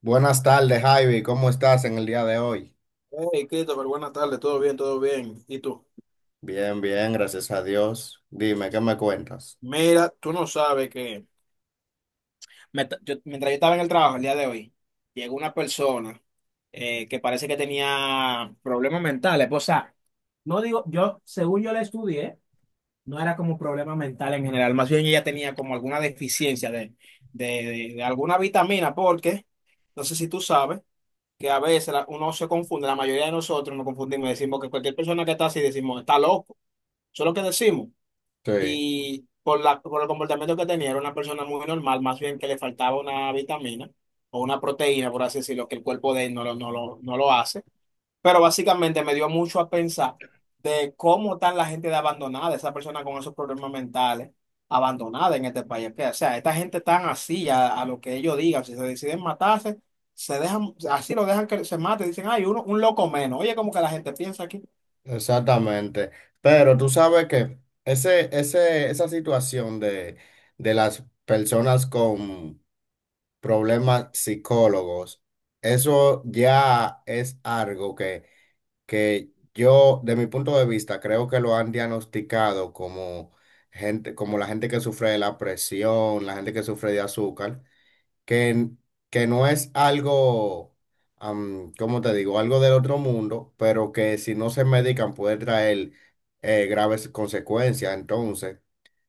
Buenas tardes, Javi. ¿Cómo estás en el día de hoy? Hey, Christopher, buenas tardes, todo bien, todo bien. ¿Y tú? Bien, bien, gracias a Dios. Dime, ¿qué me cuentas? Mira, tú no sabes que mientras yo estaba en el trabajo el día de hoy, llegó una persona que parece que tenía problemas mentales. Pues, o sea, no digo, yo, según yo la estudié, no era como problema mental en general, más bien ella tenía como alguna deficiencia de alguna vitamina, porque no sé si tú sabes que a veces uno se confunde, la mayoría de nosotros nos confundimos, decimos que cualquier persona que está así, decimos, está loco, eso es lo que decimos. Sí, Y por el comportamiento que tenía, era una persona muy normal, más bien que le faltaba una vitamina o una proteína, por así decirlo, que el cuerpo de él no lo hace. Pero básicamente me dio mucho a pensar de cómo están la gente de abandonada, esa persona con esos problemas mentales, abandonada en este país. Que, o sea, esta gente tan así a lo que ellos digan, si se deciden matarse, se dejan, así lo dejan que se mate, dicen, ay, uno, un loco menos. Oye, como que la gente piensa aquí. exactamente. Pero tú sabes que esa situación de las personas con problemas psicólogos, eso ya es algo que yo, de mi punto de vista, creo que lo han diagnosticado como gente, como la gente que sufre de la presión, la gente que sufre de azúcar. que, n- que no es algo, ¿cómo te digo? Algo del otro mundo, pero que si no se medican puede traer graves consecuencias. Entonces,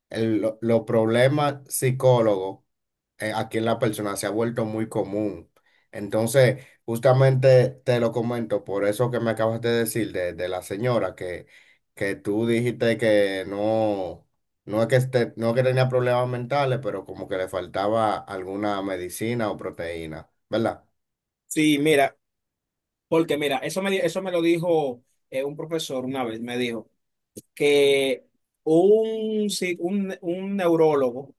los problemas psicólogos aquí en la persona se ha vuelto muy común. Entonces, justamente te lo comento por eso que me acabas de decir de la señora que tú dijiste que no, no es que esté, no es que tenía problemas mentales, pero como que le faltaba alguna medicina o proteína, ¿verdad? Sí, mira. Porque mira, eso me lo dijo un profesor una vez, me dijo que un, si- un neurólogo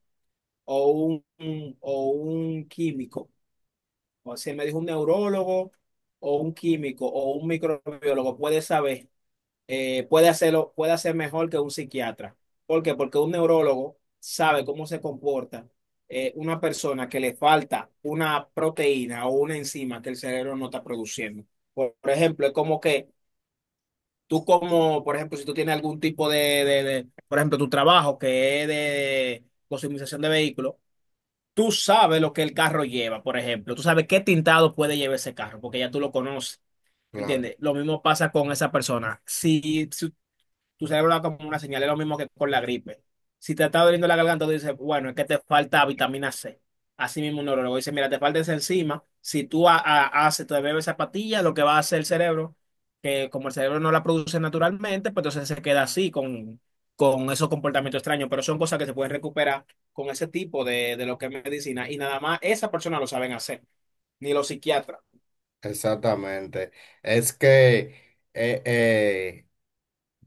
o un químico, o sea, me dijo un neurólogo o un químico o un microbiólogo puede saber, puede hacerlo, puede hacer mejor que un psiquiatra. ¿Por qué? Porque un neurólogo sabe cómo se comporta una persona que le falta una proteína o una enzima que el cerebro no está produciendo. Por ejemplo, es como que tú como, por ejemplo, si tú tienes algún tipo por ejemplo, tu trabajo que es de customización de vehículos, tú sabes lo que el carro lleva, por ejemplo. Tú sabes qué tintado puede llevar ese carro, porque ya tú lo conoces, Claro, ¿entiendes? Lo mismo pasa con esa persona. Si tu cerebro da como una señal, es lo mismo que con la gripe. Si te está doliendo la garganta, tú dices, bueno, es que te falta vitamina C. Así mismo un neurólogo dice, mira, te falta esa enzima. Si tú haces, te bebes esa pastilla, lo que va a hacer el cerebro, que como el cerebro no la produce naturalmente, pues entonces se queda así con esos comportamientos extraños. Pero son cosas que se pueden recuperar con ese tipo de lo que es medicina. Y nada más esa persona lo saben hacer, ni los psiquiatras. exactamente. Es que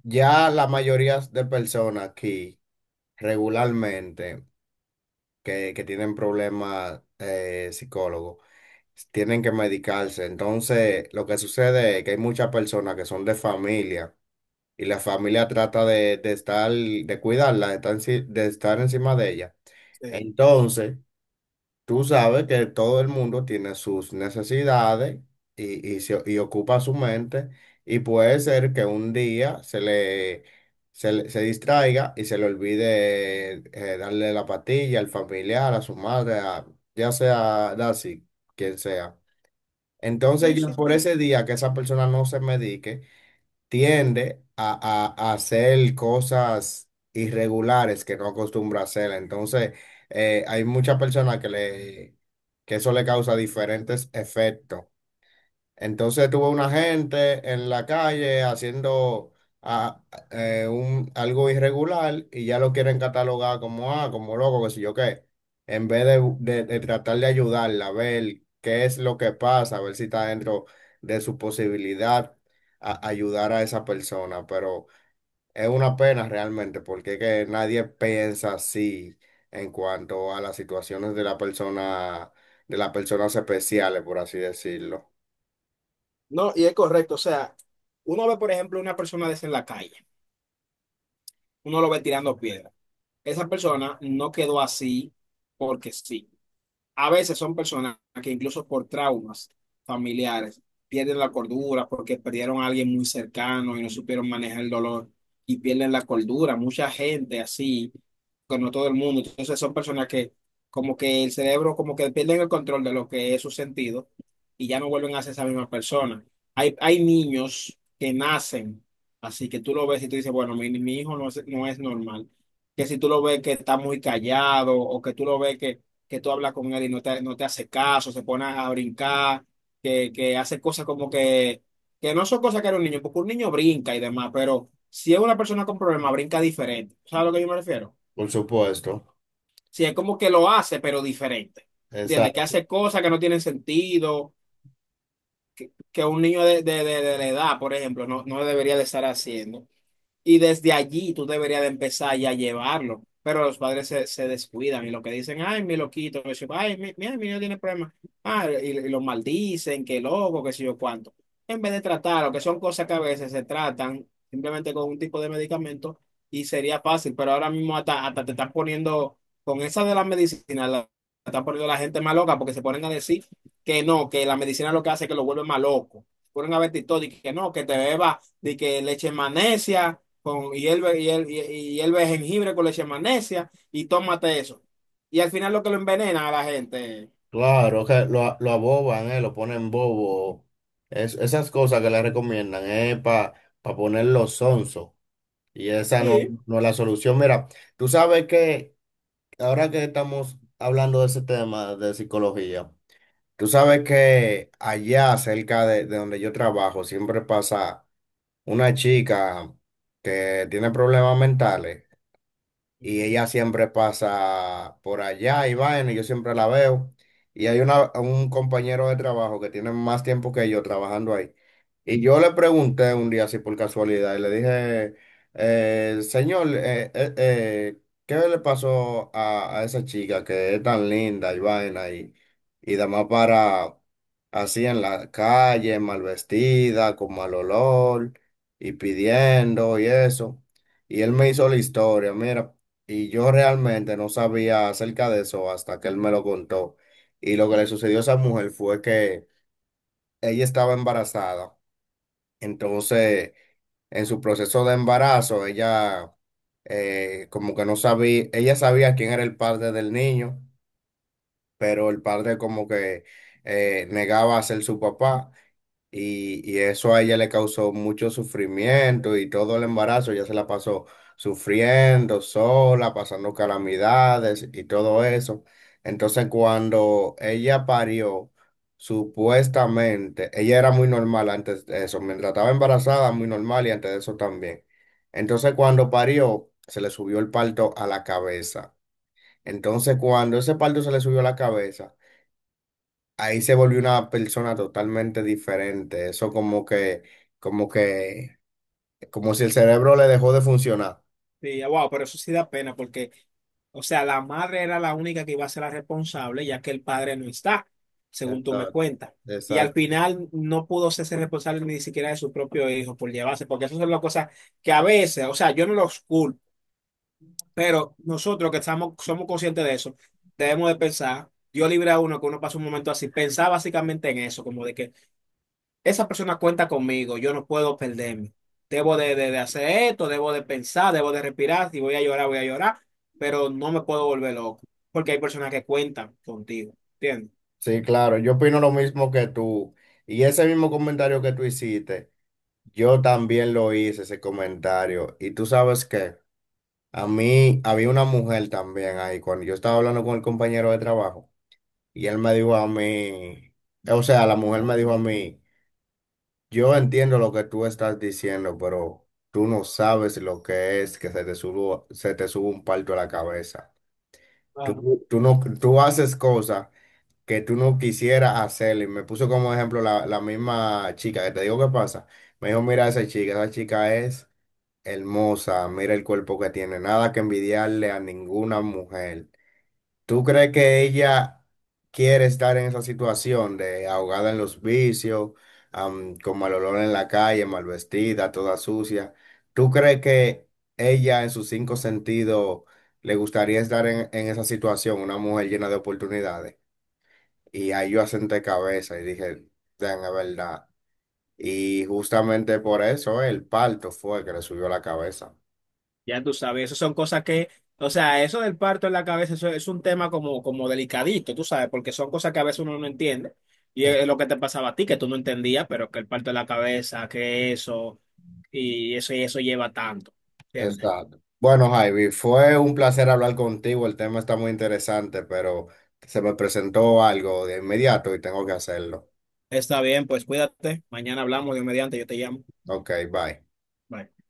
ya la mayoría de personas aquí regularmente que tienen problemas psicólogos, tienen que medicarse. Entonces, lo que sucede es que hay muchas personas que son de familia y la familia trata de estar, de cuidarla, de estar, de estar encima de ella. Sí, Entonces, tú sabes que todo el mundo tiene sus necesidades y, y ocupa su mente y puede ser que un día se distraiga y se le olvide darle la pastilla al familiar, a su madre, a- ya sea Daisy, quien sea. Entonces sí, ya sí, por sí. ese día que esa persona no se medique, tiende a, a hacer cosas irregulares que no acostumbra a hacer. Entonces, hay muchas personas que le, que eso le causa diferentes efectos. Entonces tuve una gente en la calle haciendo ah, algo irregular y ya lo quieren catalogar como, ah, como loco, que si yo qué. En vez de, de tratar de ayudarla a ver qué es lo que pasa, a ver si está dentro de su posibilidad ayudar a esa persona. Pero es una pena realmente porque es que nadie piensa así en cuanto a las situaciones de la persona, de las personas especiales, por así decirlo. No, y es correcto. O sea, uno ve, por ejemplo, una persona de esa en la calle. Uno lo va tirando piedra. Esa persona no quedó así porque sí. A veces son personas que incluso por traumas familiares pierden la cordura porque perdieron a alguien muy cercano y no supieron manejar el dolor y pierden la cordura. Mucha gente así, pero no todo el mundo. Entonces son personas que como que el cerebro como que pierden el control de lo que es su sentido y ya no vuelven a ser esa misma persona. Hay niños que nacen así que tú lo ves y tú dices, bueno, mi hijo no es normal. Que si tú lo ves que está muy callado o que tú lo ves que tú hablas con él y no te hace caso, se pone a brincar, que hace cosas como que no son cosas que era un niño, porque un niño brinca y demás, pero si es una persona con problemas, brinca diferente. ¿Sabes a lo que yo me refiero? Por supuesto, Si es como que lo hace, pero diferente. ¿Entiendes? Que exacto, hace cosas que no tienen sentido, que un niño de la edad, por ejemplo, no debería de estar haciendo. Y desde allí tú deberías de empezar ya a llevarlo. Pero los padres se descuidan y lo que dicen, ay, mi loquito, que sé yo, ay, mi, mira, mi niño tiene problemas. Ah, y lo maldicen, que loco, que sé yo cuánto. En vez de tratarlo, que son cosas que a veces se tratan simplemente con un tipo de medicamento y sería fácil, pero ahora mismo hasta te están poniendo, con esa de la medicina, la, están poniendo la gente más loca porque se ponen a decir que no, que la medicina lo que hace es que lo vuelve más loco. Ponen a ver TikTok y que no, que te beba, de que leche magnesia con hierve jengibre con leche de magnesia y tómate eso. Y al final lo que lo envenena a la gente. claro, que lo aboban, lo ponen bobo, es, esas cosas que le recomiendan, para ponerlo sonso, y esa no, Sí, no es la solución. Mira, tú sabes que ahora que estamos hablando de ese tema de psicología, tú sabes que allá cerca de donde yo trabajo siempre pasa una chica que tiene problemas mentales. Y ella siempre pasa por allá y vaina, y yo siempre la veo. Y hay una, un compañero de trabajo que tiene más tiempo que yo trabajando ahí. Y yo le pregunté un día así por casualidad, y le dije, señor, ¿qué le pasó a esa chica que es tan linda y vaina y demás para así en la calle, mal vestida, con mal olor y pidiendo y eso? Y él me hizo la historia, mira. Y yo realmente no sabía acerca de eso hasta que él me lo contó. Y lo que le sucedió a esa mujer fue que ella estaba embarazada. Entonces, en su proceso de embarazo, ella como que no sabía, ella sabía quién era el padre del niño, pero el padre como que negaba a ser su papá. Y eso a ella le causó mucho sufrimiento y todo el embarazo ya se la pasó sufriendo sola, pasando calamidades y todo eso. Entonces cuando ella parió, supuestamente, ella era muy normal antes de eso, mientras estaba embarazada, muy normal y antes de eso también. Entonces cuando parió, se le subió el parto a la cabeza. Entonces cuando ese parto se le subió a la cabeza, ahí se volvió una persona totalmente diferente. Eso como que, como que, como si el cerebro le dejó de funcionar. sí, wow, pero eso sí da pena porque, o sea, la madre era la única que iba a ser la responsable ya que el padre no está, según tú me Exacto. cuentas. Y al Exacto. final no pudo ser responsable ni siquiera de su propio hijo por llevarse, porque eso son las cosas que a veces, o sea, yo no los culpo. Pero nosotros que estamos, somos conscientes de eso, debemos de pensar, Dios libre a uno que uno pasa un momento así, pensar básicamente en eso, como de que esa persona cuenta conmigo, yo no puedo perderme, debo de hacer esto, debo de pensar, debo de respirar, si voy a llorar, voy a llorar, pero no me puedo volver loco, porque hay personas que cuentan contigo, ¿entiendes? Sí, claro, yo opino lo mismo que tú. Y ese mismo comentario que tú hiciste, yo también lo hice, ese comentario. Y tú sabes que a mí había una mujer también ahí, cuando yo estaba hablando con el compañero de trabajo, y él me dijo a mí, o sea, la mujer me dijo a mí. Yo entiendo lo que tú estás diciendo, pero tú no sabes lo que es que se te suba un palto a la cabeza. Tú no, tú haces cosas que tú no quisieras hacer. Y me puso como ejemplo la, la misma chica que te digo qué pasa. Me dijo, mira esa chica es hermosa, mira el cuerpo que tiene, nada que envidiarle a ninguna mujer. ¿Tú crees que ella quiere estar en esa situación de ahogada en los vicios, con mal olor en la calle, mal vestida, toda sucia? ¿Tú crees que ella en sus cinco sentidos le gustaría estar en esa situación, una mujer llena de oportunidades? Y ahí yo asenté cabeza y dije, "Damn, es verdad". Y justamente por eso el parto fue que le subió la cabeza. Ya tú sabes, eso son cosas que, o sea, eso del parto en la cabeza, eso es un tema como, como delicadito, tú sabes, porque son cosas que a veces uno no entiende. Y es lo que te pasaba a ti, que tú no entendías, pero que el parto en la cabeza, que eso, y eso lleva tanto, ¿entiendes? Exacto. Bueno, Javi, fue un placer hablar contigo. El tema está muy interesante, pero se me presentó algo de inmediato y tengo que hacerlo. Está bien, pues cuídate. Mañana hablamos, Dios mediante, yo te llamo. Ok, bye. Bye.